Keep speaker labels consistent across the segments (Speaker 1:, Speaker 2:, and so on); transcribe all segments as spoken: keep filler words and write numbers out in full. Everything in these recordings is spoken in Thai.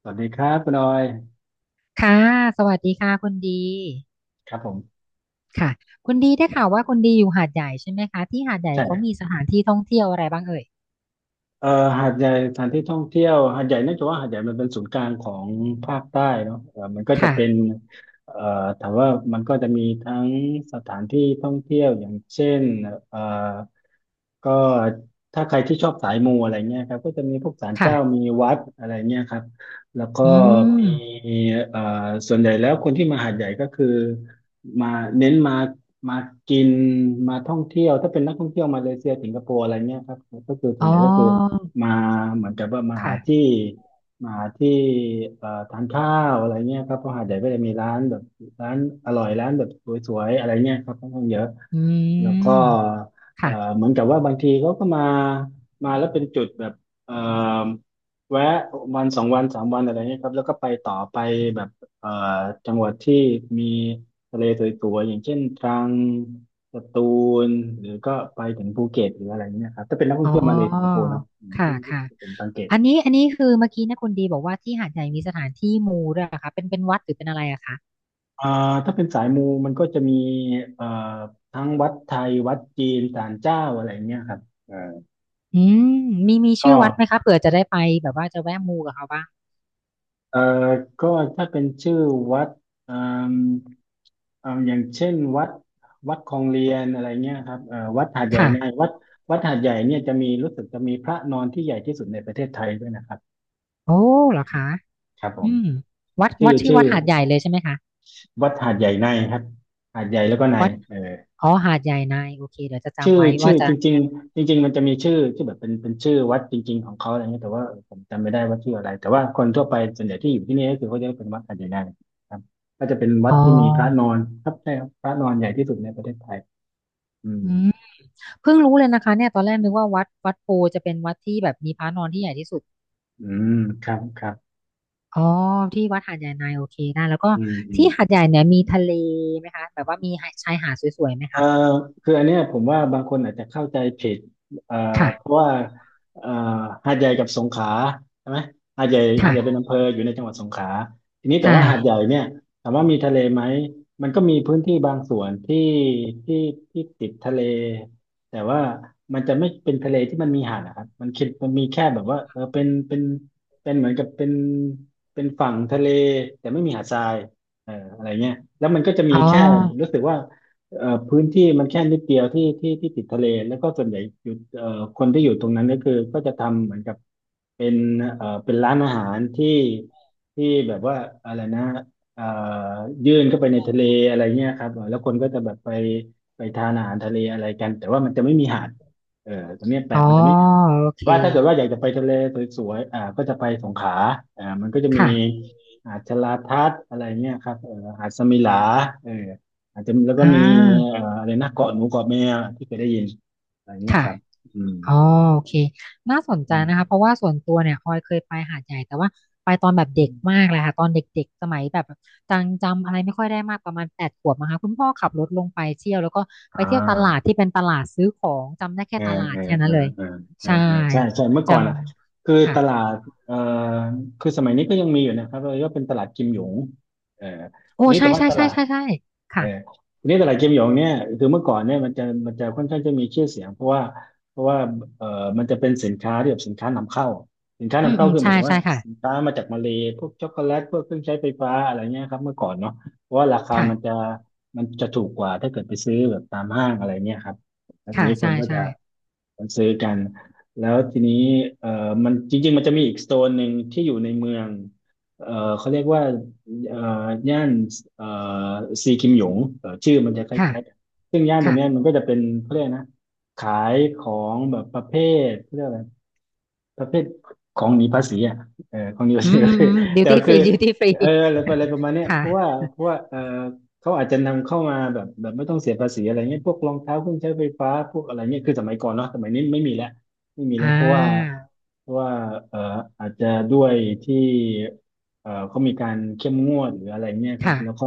Speaker 1: สวัสดีครับคุณออย
Speaker 2: ค่ะสวัสดีค่ะคุณดี
Speaker 1: ครับผม
Speaker 2: ค่ะคุณดีได้ข่าวว่าคุณดีอยู่หาดใหญ่ใช่ไหมคะที่หาดใหญ่เขามี
Speaker 1: ใช่
Speaker 2: สถานที่ท่องเที่ยวอะไรบ้างเอ่ย
Speaker 1: เอ่อหาดใหญ่สถานที่ท่องเที่ยวหาดใหญ่เนื่องจากว่าหาดใหญ่มันเป็นศูนย์กลางของภาคใต้เนาะเอ่อมันก็จะ
Speaker 2: ค่ะ
Speaker 1: เป็นเอ่อถามว่ามันก็จะมีทั้งสถานที่ท่องเที่ยวอย่างเช่นเอ่อก็ถ้าใครที่ชอบสายมูอะไรเงี้ยครับก็จะมีพวกศาล
Speaker 2: ค่ะ
Speaker 1: เจ้ามีวัดอะไรเงี้ยครับแล้วก็
Speaker 2: อืม
Speaker 1: มีเอ่อส่วนใหญ่แล้วคนที่มาหาดใหญ่ก็คือมาเน้นมามากินมาท่องเที่ยวถ้าเป็นนักท่องเที่ยวมาเลเซียสิงคโปร์อะไรเงี้ยครับก็คือส่
Speaker 2: อ๋
Speaker 1: วนใหญ่ก็คือ
Speaker 2: อ
Speaker 1: มาเหมือนกับว่ามาหา
Speaker 2: ค่ะ
Speaker 1: ที่มาหาที่เอ่อทานข้าวอะไรเงี้ยครับเพราะหาดใหญ่ก็จะมีร้านแบบร้านอร่อยร้านแบบสวยๆอะไรเงี้ยครับค่อนข้างเยอะ
Speaker 2: อื
Speaker 1: แล้วก็
Speaker 2: ม
Speaker 1: เอ่
Speaker 2: ค่ะ
Speaker 1: อเหมือนกับว่าบางทีเขาก็มามาแล้วเป็นจุดแบบเอ่อแวะวันสองวันสามวันอะไรเงี้ยครับแล้วก็ไปต่อไปแบบเอ่อจังหวัดที่มีทะเลสวยๆอย่างเช่นตรังสตูลหรือก็ไปถึงภูเก็ตหรืออะไรเงี้ยครับถ้าเป็นนักท่อ
Speaker 2: อ๋
Speaker 1: ง
Speaker 2: อ
Speaker 1: เที่ยวมาเลสิงคโปร์เนาะอืม
Speaker 2: ค่ะ
Speaker 1: ที่ที่
Speaker 2: ค่ะ
Speaker 1: ผมสังเกต
Speaker 2: อันนี้อันนี้คือเมื่อกี้นะคุณดีบอกว่าที่หาดใหญ่มีสถานที่มูด้วยเหรอคะเป็นเป็นวัดหรือเป็นอะไรอะคะ
Speaker 1: อ่าถ้าเป็นสายมูมันก็จะมีเอ่อทั้งวัดไทยวัดจีนศาลเจ้าอะไรเงี้ยครับเอ่า
Speaker 2: อืมมีมีชื่อ
Speaker 1: ก็
Speaker 2: วัดไหมคะเผื่อจะได้ไปแบบว่าจะแวะมูกับเขาบ้าง
Speaker 1: เอ่อก็ถ้าเป็นชื่อวัดเอ่มเอ่ออย่างเช่นวัดวัดคลองเรียนอะไรเงี้ยครับเอ่อวัดหาดใหญ่
Speaker 2: ค่ะ
Speaker 1: ไงวัดวัดหาดใหญ่เนี่ยจะมีรู้สึกจะมีพระนอนที่ใหญ่ที่สุดในประเทศไทยด้วยนะครับ
Speaker 2: โอ้เหรอคะ
Speaker 1: ครับผม
Speaker 2: อืมวัด
Speaker 1: ชื่
Speaker 2: วั
Speaker 1: อ
Speaker 2: ดชื่อ
Speaker 1: ชื่
Speaker 2: วั
Speaker 1: อ
Speaker 2: ดหาดใหญ่เลยใช่ไหมคะ
Speaker 1: วัดหาดใหญ่ในครับหาดใหญ่แล้วก็ใน
Speaker 2: วัด
Speaker 1: เออ
Speaker 2: อ๋อหาดใหญ่ในโอเคเดี๋ยวจะ
Speaker 1: ชื่
Speaker 2: จำ
Speaker 1: อ
Speaker 2: ไว้
Speaker 1: ชื่
Speaker 2: ว่า
Speaker 1: อ
Speaker 2: จะ
Speaker 1: จริงๆจริงๆมันจะมีชื่อที่แบบเป็นเป็นชื่อวัดจริงๆของเขาอะไรเงี้ยแต่ว่าเออผมจำไม่ได้ว่าชื่ออะไรแต่ว่าคนทั่วไปส่วนใหญ่ที่อยู่ที่นี่ก็คือเขาจะเป็นวัดอาจจะง่ายครับก็จะเป็นวัด
Speaker 2: อ๋อ
Speaker 1: ที่มีพระนอนครับใช่ครับพระนอนใหญ่ที่สุดในประเทศไทยอืม
Speaker 2: อืมเพิ่งรู้เลยนะคะเนี่ยตอนแรกนึกว่าวัดวัดโพจะเป็นวัดที่แบบมีพระนอนที่ใหญ่ที่สุด
Speaker 1: อืมครับครับ
Speaker 2: อ๋อที่วัดหาดใหญ่ในโอเคได้แล้วก็
Speaker 1: อืมอืม
Speaker 2: ที่หาดใหญ่เนี่ยมีทะเลไหมคะแบบว่ามีชายหาดสวยๆไหม
Speaker 1: เอ่อ
Speaker 2: คะ
Speaker 1: คืออันเนี้ยผมว่าบางคนอาจจะเข้าใจผิดเอ่อเพ
Speaker 2: ค่ะ
Speaker 1: ราะว่าเอ่อหาดใหญ่กับสงขลาใช่ไหมหาดใหญ่หาดใหญ่เป็น
Speaker 2: ค่ะ
Speaker 1: อำเภออยู่ในจังหวัดสงขลาทีนี้แต่
Speaker 2: ใช่
Speaker 1: ว่าหาดใหญ่เนี่ยถามว่ามีทะเลไหมมันก็มีพื้นที่บางส่วนที่ที่ที่ติดทะเลแต่ว่ามันจะไม่เป็นทะเลที่มันมีหาดนะครับมันคิดมันมีแค่แบบว่าเออเป็นเป็นเป็นเหมือนกับเป็นเป็นฝั่งทะเลแต่ไม่มีหาดทรายเอออะไรเงี้ยแล้วมันก็จะมี
Speaker 2: อ๋
Speaker 1: แค่
Speaker 2: อ
Speaker 1: รู้สึกว่า เอ่อพื้นที่มันแค่นิดเดียวที่ที่ที่ติดทะเลแล้วก็ส่วนใหญ่อยู่เอ่อคนที่อยู่ตรงนั้นก็คือก็จะทำเหมือนกับเป็นเอ่อเป็นร้านอาหารที่ที่แบบว่าอะไรนะเอ่อยื่นเข้าไปในทะเลอะไรเงี้ยครับเออแล้วคนก็จะแบบไปไปทานอาหารทะเลอะไรกันแต่ว่ามันจะไม่มีหาดเออตรงเนี้ยแปล
Speaker 2: อ๋อ
Speaker 1: กมันจะไม่
Speaker 2: โอเค
Speaker 1: ว่าถ้าเกิดว่าอยากจะไปทะเลสวยๆอ่าก็จะไปสงขลาอ่ามันก็จะมี
Speaker 2: ค่ะ
Speaker 1: หาดชะลาทัดอะไรเงี้ยครับเออหาดสมิหลาเออ อาจจะแล้วก็
Speaker 2: อ่า
Speaker 1: มีเอ่ออะไรนะเกาะหนูเกาะแมวที่เคยได้ยินอะไรเงี้ย
Speaker 2: ค่ะ
Speaker 1: ครับอืม
Speaker 2: อ๋อโอเคน่าสนใจ
Speaker 1: อื
Speaker 2: นะคะ
Speaker 1: ม
Speaker 2: เพราะว่าส่วนตัวเนี่ยออยเคยไปหาดใหญ่แต่ว่าไปตอนแบบเด็กมา
Speaker 1: อ
Speaker 2: กเลยค่ะตอนเด็กๆสมัยแบบจังจำอะไรไม่ค่อยได้มากประมาณแปดขวบนะคะคุณพ่อขับรถลงไปเที่ยวแล้วก็
Speaker 1: อ่
Speaker 2: ไปเที่ยวตลาด
Speaker 1: า
Speaker 2: ที่เป็นตลาดซื้อของจำได้
Speaker 1: เอ
Speaker 2: แค่
Speaker 1: อ
Speaker 2: ตลา
Speaker 1: เอ
Speaker 2: ด
Speaker 1: อ
Speaker 2: แค่
Speaker 1: เอ
Speaker 2: นั้น
Speaker 1: อ
Speaker 2: เลย
Speaker 1: เออเออ
Speaker 2: ใช่
Speaker 1: เออใช่ใช่เมื่อ
Speaker 2: จ
Speaker 1: ก่อนอ่ะคือ
Speaker 2: ำ
Speaker 1: ต
Speaker 2: ค่ะ
Speaker 1: ลาดเอ่อคือสมัยนี้ก็ยังมีอยู่นะครับเราก็เป็นตลาดกิมหยงเออที
Speaker 2: โอ้
Speaker 1: นี้แต่
Speaker 2: ใช่
Speaker 1: ว่า
Speaker 2: ใช่
Speaker 1: ต
Speaker 2: ใช่
Speaker 1: ลาด
Speaker 2: ใช่ใช่
Speaker 1: เออ
Speaker 2: ค่ะ
Speaker 1: ทีนี้ตลาดเกมหยงเนี่ยคือเมื่อก่อนเนี่ยมันจะมันจะค่อนข้างจะมีชื่อเสียงเพราะว่าเพราะว่าเออมันจะเป็นสินค้าที่แบบสินค้านำเข้าสินค้า
Speaker 2: อื
Speaker 1: นำ
Speaker 2: ม
Speaker 1: เข้า
Speaker 2: อืม
Speaker 1: คือหมา
Speaker 2: ใช่
Speaker 1: ยถึง
Speaker 2: ใช่
Speaker 1: ว่า
Speaker 2: ค่ะ
Speaker 1: สินค้ามาจากมาเลย์พวกช็อกโกแลตพวกเครื่องใช้ไฟฟ้าอะไรเงี้ยครับเมื่อก่อนเนาะเพราะว่าราคา
Speaker 2: ค่ะ
Speaker 1: มันจะมันจะถูกกว่าถ้าเกิดไปซื้อแบบตามห้างอะไรเงี้ยครับแล้วที
Speaker 2: ค่ะ
Speaker 1: นี้ค
Speaker 2: ใช่
Speaker 1: นก็
Speaker 2: ใช่
Speaker 1: จะคนซื้อกัน แล้วทีนี้เออมันจริงๆมันจะมีอีกโซนหนึ่งที่อยู่ในเมืองเออเขาเรียกว่า เอ่อย่านเอ่อซีคิมหยงเอ่อชื่อมันจะค
Speaker 2: ค่ะ
Speaker 1: ล้ายๆกันซึ่งย่านตรง
Speaker 2: ค่ะ
Speaker 1: เนี้ยมันก็จะเป็นเขาเรียกนะขายของแบบประเภทเขาเรียกอะไร ประเภทของหนีภาษีอ่ะเออของหนีภา
Speaker 2: อื
Speaker 1: ษี
Speaker 2: ม
Speaker 1: ก็
Speaker 2: อืม
Speaker 1: คือ
Speaker 2: อืมดิว
Speaker 1: แต่
Speaker 2: ตี้
Speaker 1: ก็
Speaker 2: ฟ
Speaker 1: คื
Speaker 2: รี
Speaker 1: อ
Speaker 2: ดิวตี้ฟรี
Speaker 1: เอออะไรอะไรประมาณเนี้ย
Speaker 2: ค่ะ
Speaker 1: เพราะว่าเพราะว่าเออเขาอาจจะนำเข้ามาแบบแบบไม่ต้องเสียภาษีอะไรเงี้ยพวกรองเท้าเครื่องใช้ไฟฟ้าพวกอะไรเงี้ยคือสมัยก่อนเนาะสมัยนี้ไม่มีแล้วไม่มี
Speaker 2: อ่
Speaker 1: แล้วเพราะว่า
Speaker 2: า
Speaker 1: เพราะว่าเอออาจจะด้วยที่เออเขามีการเข้มงวดหรืออะไรเงี้ยครับแล้ว
Speaker 2: ค่ะ
Speaker 1: ก็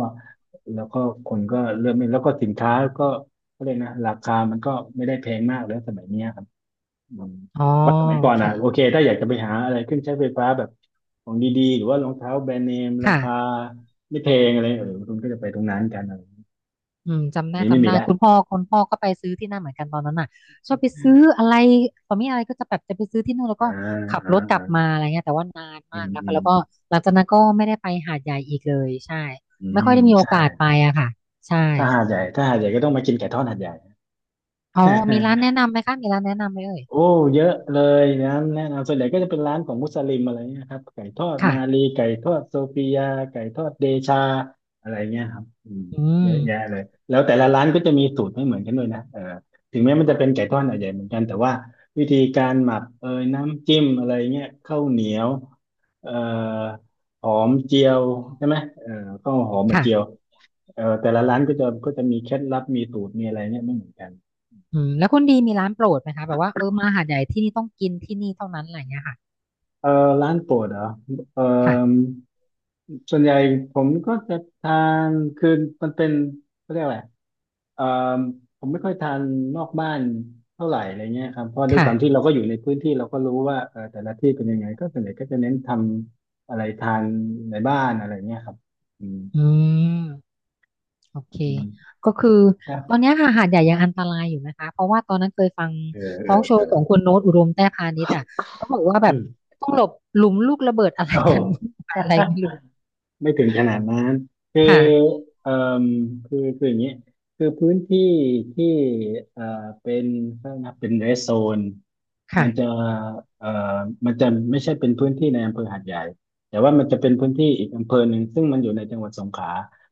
Speaker 1: แล้วก็คนก็เริ่มไม่แล้วก็สินค้าก็ก็เลยกนะราคามันก็ไม่ได้แพงมากแล้วสมัยเนี้ยครับ อืม
Speaker 2: อ๋อ
Speaker 1: ว่าสมัย
Speaker 2: โอ
Speaker 1: ก่อน
Speaker 2: เค
Speaker 1: อ่ะโอเคถ้าอยากจะไปหาอะไรเครื่องใช้ไฟฟ้าแบบของดีๆหรือว่ารองเท้าแบรนด์เนมราคา
Speaker 2: ค่ะ
Speaker 1: ไม่แพงอะไรเออคุณก็จะไปตรงนั้นกันอะไรอย่างเงี้ย
Speaker 2: อืมจำ
Speaker 1: อัน
Speaker 2: ได้
Speaker 1: นี้ไม่
Speaker 2: จำ
Speaker 1: มี
Speaker 2: ได้
Speaker 1: และ
Speaker 2: คุณพ่อคุณพ่อก็ไปซื้อที่นั่นเหมือนกันตอนนั้นน่ะชอบไปซื้ออะไรตอนนี้อะไรก็จะแบบจะไปซื้อที่นู่นแล้ว
Speaker 1: อ่า
Speaker 2: ก็ขับ
Speaker 1: อ่า
Speaker 2: รถกลั
Speaker 1: อ่า
Speaker 2: บมาอะไรเงี้ยแต่ว่านาน
Speaker 1: อื
Speaker 2: มาก
Speaker 1: ม
Speaker 2: แล้ว
Speaker 1: อื
Speaker 2: ก็
Speaker 1: ม
Speaker 2: แล้วก็หลังจากนั้นก็ไม่ได้ไปหาดใหญ่อีกเลยใช่
Speaker 1: อื
Speaker 2: ไม่ค่
Speaker 1: ม
Speaker 2: อยได้มีโอ
Speaker 1: ใช่
Speaker 2: กาสไปอะค่ะใช่
Speaker 1: ถ้าหาดใหญ่ถ้าหาดใหญ่ก็ต้องมากินไก่ทอดหาดใหญ่
Speaker 2: อ๋อมีร้านแนะนำไหมคะมีร้านแนะนำไหมเอ่ย
Speaker 1: โอ้เยอะเลยนะแนะนำส่วนใหญ่ก็จะเป็นร้านของมุสลิมอะไรเงี้ยครับไก่ทอด
Speaker 2: ค่ะ
Speaker 1: มาลีไก่ทอดโซฟียาไก่ทอดเดชาอะไรเงี้ยครับอืม
Speaker 2: อื
Speaker 1: เย
Speaker 2: ม
Speaker 1: อะแยะเลยแล้วแต่ละร้านก็จะมีสูตรไม่เหมือนกันด้วยนะเออถึงแม้มันจะเป็นไก่ทอดหาดใหญ่เหมือนกันแต่ว่าวิธีการหมักเอยน้ำจิ้มอะไรเงี้ยข้าวเหนียวเอ่อหอมเจียวใช่ไหมเออข้าวหอมมา
Speaker 2: ค่ะ
Speaker 1: เจียวเออแต่ละร้านก็จะก็จะมีเคล็ดลับมีสูตรมีอะไรเนี่ยไม่เหมือนกัน
Speaker 2: อืมแล้วคุณดีมีร้านโปรดไหมคะแบบว่าเออมาหาดใหญ่ที่นี่ต้องกินที่นี่เท่านั้นอะไรเงี้ยค่ะ
Speaker 1: เออร้านโปรดเหรอเออ
Speaker 2: ค่ะ
Speaker 1: ส่วนใหญ่ผมก็จะทานคือมันเป็นเขาเรียกอะไรเออผมไม่ค่อยทานนอกบ้านเท่าไหร่อะไรเงี้ยครับเพราะด้วย
Speaker 2: ค่ะ
Speaker 1: ความที่เราก็อยู่ในพื้นที่เราก็รู้ว่าเออแต่ละที่เป็นยังไงก็ส่วนใหญ่ก็จะเน้นทำอะไรทานในบ้านอะไรเงี้ยครับอืม
Speaker 2: อืม โอเค
Speaker 1: อืม
Speaker 2: ก็คือ
Speaker 1: นะ
Speaker 2: ตอนเนี้ยค่ะหาดใหญ่ยังอันตรายอยู่นะคะเพราะว่าตอนนั้นเคยฟัง
Speaker 1: เออ
Speaker 2: ท
Speaker 1: เอ
Speaker 2: อล์
Speaker 1: อ
Speaker 2: กโช
Speaker 1: เอ
Speaker 2: ว์ของ
Speaker 1: อ
Speaker 2: คุณโน้ตอุดมแต้พานิชอ่ะเขาบอกว่าแบ
Speaker 1: อื
Speaker 2: บ
Speaker 1: ม
Speaker 2: ต้องหลบหลุมลูกระเบิดอะไร
Speaker 1: โอ้
Speaker 2: กัน วุ่นวายอะไรไม่ รู้
Speaker 1: ไม่ถึงขนาดนั้น คือ
Speaker 2: ค่ะ
Speaker 1: เอ่อคือคืออย่างนี้คือพื้นที่ที่เอ่อเป็นถ้านับเป็นเรสโซนมั
Speaker 2: ค่ะ
Speaker 1: นจะเอ่อมันจะไม่ใช่เป็นพื้นที่ในอำเภอหาดใหญ่ แต่ว่ามันจะเป็นพื้นที่อีกอำเภอหนึ่งซึ่งมันอยู่ในจังหวัดสงขลา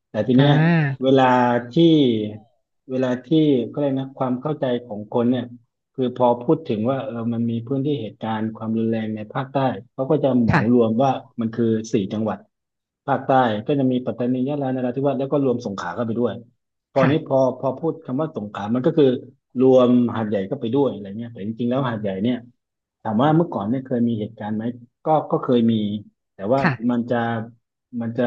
Speaker 1: แต่ที
Speaker 2: อ่า
Speaker 1: เนี้ยเวลาที่เวลาที่ก็เลยกนะความเข้าใจของคนเนี่ย คือพอพูดถึงว่าเออมันมีพื้นที่เหตุการณ์ความรุนแรงในภาคใต้เขาก็จะเหมาร
Speaker 2: ค่ะ
Speaker 1: วมว่ามันคือสี่จังหวัดภาคใต้ก็จะมีปัตตานียะลานราธิวาสแล้วก็รวมสงขลาเข้าไปด้วยตอนนี้พ
Speaker 2: ค่ะ
Speaker 1: อพอพูดคำว่าสงขลามันก็คือรวมหาดใหญ่เข้าไปด้วยอะไรเงี้ยแต่จริงๆแล้วหาดใหญ่เนี่ยถามว่าเมื่อก่อนเนี่ยเคยมีเหตุการณ์ไหมก็ก็เคยมีแต่ว่า
Speaker 2: ค่ะ
Speaker 1: มันจะมันจะ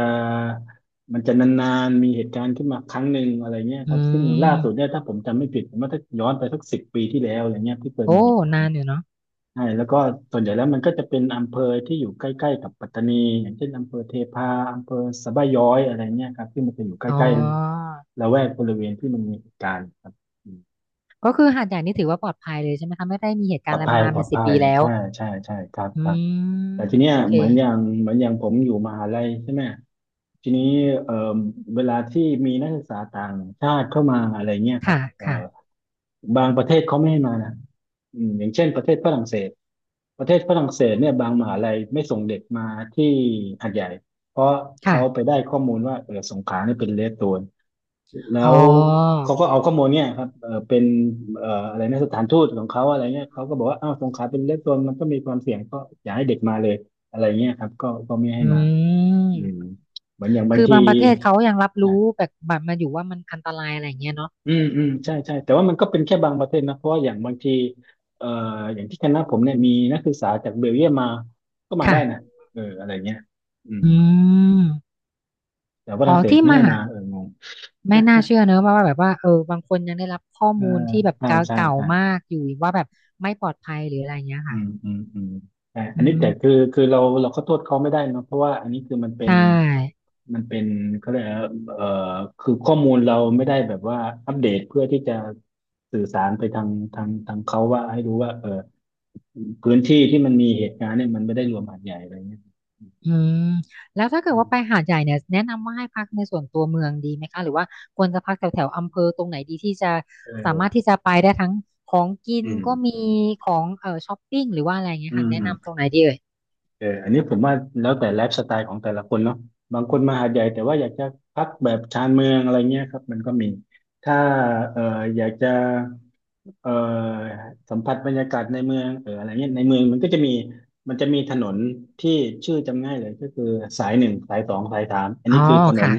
Speaker 1: มันจะนานๆมีเหตุการณ์ขึ้นมาครั้งหนึ่งอะไรเงี้ย
Speaker 2: อื
Speaker 1: ครับซึ่งล่าสุดเนี่
Speaker 2: ม
Speaker 1: ยถ้าผมจำไม่ผิดผมว่าถ้าย้อนไปสักสิบปีที่แล้วอะไรเงี้ยที่เคยมี
Speaker 2: โอ้
Speaker 1: เหตุการ
Speaker 2: นา
Speaker 1: ณ์
Speaker 2: นอยู่เนาะ
Speaker 1: ใช่แล้วก็ส่วนใหญ่แล้วมันก็จะเป็นอำเภอที่อยู่ใกล้ๆกับปัตตานีอย่างเช่นอำเภอเทพาอำเภอสะบ้าย้อยอะไรเงี้ยครับที่มันจะอยู่ใก
Speaker 2: อ๋อ
Speaker 1: ล้ๆละแวกบริเวณที่มันมีเหตุการณ์ครับ
Speaker 2: ก็คือหาดใหญ่นี่ถือว่าปลอดภัยเลยใช่ไหมคะไม่ได้มีเหตุ
Speaker 1: ป
Speaker 2: กา
Speaker 1: ล
Speaker 2: ร
Speaker 1: อ
Speaker 2: ณ์
Speaker 1: ด
Speaker 2: อะไร
Speaker 1: ภั
Speaker 2: มา
Speaker 1: ย
Speaker 2: นาน
Speaker 1: ปลอ
Speaker 2: เป็น
Speaker 1: ด
Speaker 2: สิบ
Speaker 1: ภัย
Speaker 2: ปีแล้ว
Speaker 1: ใช่ใช่ใช่ครับ
Speaker 2: อื
Speaker 1: ครับ
Speaker 2: ม
Speaker 1: แต่ทีเนี้ย
Speaker 2: โอเค
Speaker 1: เหมือนอย่างเหมือนอย่างผมอยู่มหาลัยใช่ไหมทีนี้เอ่อเวลาที่มีนักศึกษาต่างชาติเข้ามาอะไรเงี้ยครับ
Speaker 2: ค่ะ
Speaker 1: เอ่อ
Speaker 2: ค่ะ
Speaker 1: บางประเทศเขาไม่ให้มานะอืมอย่างเช่นประเทศฝรั่งเศสประเทศฝรั่งเศสเนี่ยบางมหาลัยไม่ส่งเด็กมาที่หาดใหญ่เพราะ
Speaker 2: ค่ะ
Speaker 1: เขาไปได้ข้อมูลว่าเออสงขลาเนี่ยเป็นเรดโซนแล้
Speaker 2: อ๋อ
Speaker 1: ว
Speaker 2: โอ
Speaker 1: เขา
Speaker 2: เค
Speaker 1: ก็เอาข้อมูลเนี่ยครับเออเป็นเอ่ออะไรนะสถานทูตของเขาอะไรเงี้ยเขาก็บอกว่าอ้าวสงขลาเป็นเรดโซนมันก็มีความเสี่ยงก็อย่าให้เด็กมาเลยอะไรเงี้ยครับก็ก็ไม่ให้
Speaker 2: อื
Speaker 1: มา
Speaker 2: ม
Speaker 1: อืมเหมือนอย่างบาง
Speaker 2: คือ
Speaker 1: ที
Speaker 2: บางประเทศเขายังรับรู้
Speaker 1: อ่ะ
Speaker 2: แบบแบบมาอยู่ว่ามันอันตรายอะไรอย่างเงี้ยเนาะ
Speaker 1: อืมอืมใช่ใช่แต่ว่ามันก็เป็นแค่บางประเทศนะเพราะว่าอย่างบางทีเอ่ออย่างที่คณะผมเนี่ยมีนักศึกษาจากเบลเยียมมาก็มา
Speaker 2: ค่ะ
Speaker 1: ได้นะเอออะไรเงี้ยอืม
Speaker 2: อืม
Speaker 1: แต่ว่าฝ
Speaker 2: อ๋อ
Speaker 1: รั่งเศส
Speaker 2: ที่
Speaker 1: ไม่
Speaker 2: มา
Speaker 1: ให้มาเอองง
Speaker 2: ไม่น่า เชื่อเนอะว่าว่าแบบว่าเออบางคนยังได้รับข้อ
Speaker 1: เออ
Speaker 2: มูลที่แบบ
Speaker 1: ใช่
Speaker 2: เก่า
Speaker 1: ใช่
Speaker 2: เก่า
Speaker 1: ใช่
Speaker 2: มากอยู่ว่าแบบไม่ปลอดภัยหรืออะไรเงี้ย
Speaker 1: อื
Speaker 2: ค่ะ
Speaker 1: มอืมอืมแต่อัน
Speaker 2: อื
Speaker 1: นี้
Speaker 2: ม
Speaker 1: แต่คือคือเราเราก็โทษเขาไม่ได้เนอะเพราะว่าอันนี้คือมันเป็
Speaker 2: ใช
Speaker 1: น
Speaker 2: ่
Speaker 1: มันเป็นเขาเรียกอะไรนะเอ่อคือข้อมูลเราไม่ได้แบบว่าอัปเดตเพื่อที่จะสื่อสารไปทางทางทางเขาว่าให้รู้ว่าเออพื้นที่ที่มันมีเหตุการณ์เนี่ยมันไม่ได้รวมหาดใหญ่อะไรเงี้ย
Speaker 2: อืมแล้วถ้าเกิ
Speaker 1: อื
Speaker 2: ดว่า
Speaker 1: ม
Speaker 2: ไปหาดใหญ่เนี่ยแนะนำว่าให้พักในส่วนตัวเมืองดีไหมคะหรือว่าควรจะพักแถวแถวอำเภอตรงไหนดีที่จะ
Speaker 1: เอ
Speaker 2: สามารถ
Speaker 1: อ
Speaker 2: ที่จะไปได้ทั้งของกิ
Speaker 1: อื
Speaker 2: น
Speaker 1: ม
Speaker 2: ก็มีของเอ่อช้อปปิ้งหรือว่าอะไรเงี้
Speaker 1: อื
Speaker 2: ยค่ะแนะนำตร
Speaker 1: ม
Speaker 2: งไหนดีเอ่ย
Speaker 1: เอออันนี้ผมว่าแล้วแต่ไลฟ์สไตล์ของแต่ละคนเนาะบางคนมาหาดใหญ่แต่ว่าอยากจะพักแบบชานเมืองอะไรเงี้ยครับมันก็มี ถ้าเอออยากจะ เอ่อสัมผัสบรรยากาศในเมืองเอออะไรเงี้ยในเมืองมันก็จะมีมันจะมีถนนที่ชื่อจำง่ายเลยก็คือสายหนึ่งสายสองสายสามอัน
Speaker 2: อ๋อ
Speaker 1: นี้คือถนน
Speaker 2: ค่ะ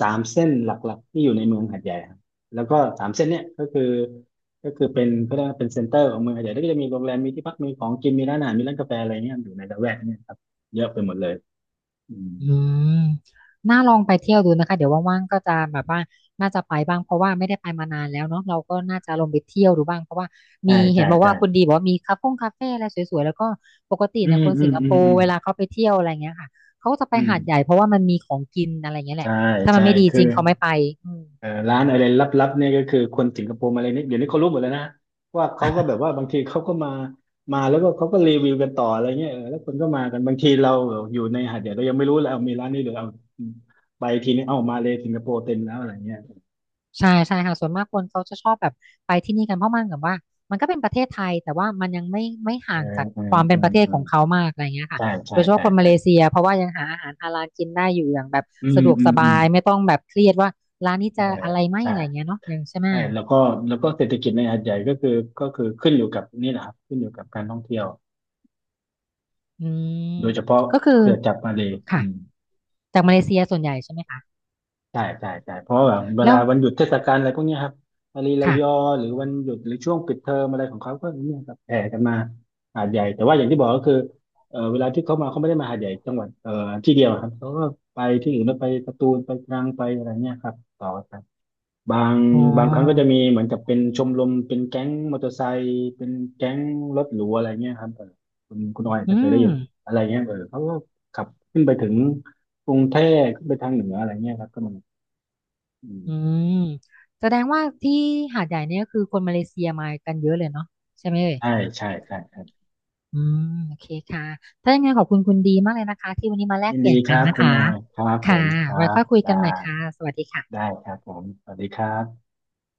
Speaker 1: สามเส้นหลักๆที่อยู่ในเมืองหาดใหญ่ครับแล้วก็สามเส้นเนี้ยก็คือก็คือเป็นก็ได้ว่าเป็นเซ็นเตอร์ของเมืองหาดใหญ่แล้วก็จะมีโรงแรมมีที่พักมีของกินมีร้านอาหารมีร้านกาแฟอะไรเงี้ยอยู่ในละแวกเนี้ยครับเยอะไปหมดเลยอืม
Speaker 2: อืมน่าลองไปเที่ยวดูนะคะเดี๋ยวว่างๆก็จะแบบว่าน่าจะไปบ้างเพราะว่าไม่ได้ไปมานานแล้วเนาะเราก็น่าจะลองไปเที่ยวดูบ้างเพราะว่ามี
Speaker 1: ใช่
Speaker 2: เห็
Speaker 1: ใช่
Speaker 2: นบอก
Speaker 1: ใช่
Speaker 2: ว่าคุณดีบอกว่ามีคาเฟ่คาเฟ่อะไรสวยๆแล้วก็ปกติ
Speaker 1: อื
Speaker 2: เนี่ย
Speaker 1: ม
Speaker 2: คน
Speaker 1: อื
Speaker 2: สิ
Speaker 1: ม
Speaker 2: งค
Speaker 1: อื
Speaker 2: โป
Speaker 1: มอื
Speaker 2: ร์
Speaker 1: ม
Speaker 2: เวลาเขาไปเที่ยวอะไรเงี้ยค่ะเขาก็จะไป
Speaker 1: อื
Speaker 2: หาดใหญ่
Speaker 1: ม
Speaker 2: เพราะว่ามันมีของกินอะไรเงี้ยแห
Speaker 1: ใช่
Speaker 2: ละถ้ามั
Speaker 1: ใช่
Speaker 2: นไม่ดี
Speaker 1: คื
Speaker 2: จ
Speaker 1: อ
Speaker 2: ริงเขาไม่ไปอืม
Speaker 1: เอ่อร้านอะไรลับๆเนี่ยก็คือคนสิงคโปร์มาเลยเนี่ยเดี๋ยวนี้เขารู้หมดแล้วนะว่าเขาก็แบบว่าบางทีเขาก็มามาแล้วก็เขาก็รีวิวกันต่ออะไรเงี้ยเออแล้วคนก็มากันบางทีเราอยู่ในหาดใหญ่เรายังไม่รู้เลยเอามีร้านนี้หรือเอาไปทีนี้เอ้ามาเลยสิงคโปร์เต็มแล้วอะไรเงี้ย
Speaker 2: ใช่ใช่ค่ะส่วนมากคนเขาจะชอบแบบไปที่นี่กันเพราะมันแบบว่ามันก็เป็นประเทศไทยแต่ว่ามันยังไม่ไม่ห่า
Speaker 1: เอ
Speaker 2: ง
Speaker 1: อ
Speaker 2: จาก
Speaker 1: เอ
Speaker 2: ค
Speaker 1: อ
Speaker 2: วามเป็
Speaker 1: เอ
Speaker 2: นประ
Speaker 1: อ
Speaker 2: เทศ
Speaker 1: เอ
Speaker 2: ขอ
Speaker 1: อ
Speaker 2: งเขามากอะไรเงี้ยค่ะ
Speaker 1: ใช่
Speaker 2: โด
Speaker 1: ใช่
Speaker 2: ยเฉพาะ
Speaker 1: ใช่
Speaker 2: คนมา
Speaker 1: ใช่
Speaker 2: เลเซียเพราะว่ายังหาอาหารฮาลาลกินได้อยู่อย่างแบบ
Speaker 1: อืม
Speaker 2: สะดวก
Speaker 1: อื
Speaker 2: ส
Speaker 1: ม
Speaker 2: บา
Speaker 1: อืม
Speaker 2: ยไม่ต้องแบบเครียดว่าร้านนี้
Speaker 1: เออ
Speaker 2: จะอะไรไหม
Speaker 1: ใช่
Speaker 2: อะไรเงี้ยเนาะยังใช่ไหม
Speaker 1: ใช่แล้วก็แล้วก็เศรษฐกิจในหาดใหญ่ก็คือก็คือขึ้นอยู่กับนี่แหละครับขึ้นอยู่กับการท่องเที่ยว
Speaker 2: อืม
Speaker 1: โดยเฉพาะ
Speaker 2: ก็คือ
Speaker 1: เครือจักรมาเลย
Speaker 2: ค่ะ
Speaker 1: อืม
Speaker 2: จากมาเลเซียส่วนใหญ่ใช่ไหมคะ
Speaker 1: ใช่ใช่ใช่เพราะว่าแบบเว
Speaker 2: แล้
Speaker 1: ลา
Speaker 2: ว
Speaker 1: วันหยุดเทศกาลอะไรพวกเนี้ยครับมาลีระยอ
Speaker 2: ค่ะ
Speaker 1: หรือวันหยุดหรือช่วงปิดเทอมอะไรของเขาก็เนี่ยครับแห่กันมาหาดใหญ่แต่ว่าอย่างที่บอกก็คือเออเวลาที่เขามาเขาไม่ได้มาหาดใหญ่จังหวัดเออที่เดียวครับเขาก็ไปที่อื่นแล้วไปสตูลไปตรังไปอะไรเนี่ยครับต่อกันบาง
Speaker 2: อ๋อ
Speaker 1: บางครั้งก็จะมีเหมือนกับเป็นชมรมเป็นแก๊งมอเตอร์ไซค์เป็นแก๊งรถหรูอะไรเงี้ยครับเออคุณคุณออยอาจจะ
Speaker 2: อื
Speaker 1: เคยได้
Speaker 2: ม
Speaker 1: ยินอะไรเงี้ยเออเขาก็ขับขึ้นไปถึงกรุงเทพขึ้นไปทางเหนืออะไรเงี้ยครับก็มี อื
Speaker 2: อื
Speaker 1: ม
Speaker 2: มแสดงว่าที่หาดใหญ่เนี่ยก็คือคนมาเลเซียมากันเยอะเลยเนาะใช่ไหมเอ่ย
Speaker 1: ใช่ใช่ใช่ครับ
Speaker 2: อืมโอเคค่ะถ้ายังไงขอบคุณคุณดีมากเลยนะคะที่วันนี้มาแลก
Speaker 1: ยิน
Speaker 2: เปลี่
Speaker 1: ดี
Speaker 2: ยน
Speaker 1: ค
Speaker 2: กัน
Speaker 1: รับ
Speaker 2: นะ
Speaker 1: คุณ
Speaker 2: คะ
Speaker 1: ออยครับผ
Speaker 2: ค่ะ
Speaker 1: มค
Speaker 2: ไว้
Speaker 1: รับ
Speaker 2: ค่อยคุยกันให
Speaker 1: ได้
Speaker 2: ม่ค่ะสวัสดีค่ะ
Speaker 1: ได้ครับผมสวัสดีครับ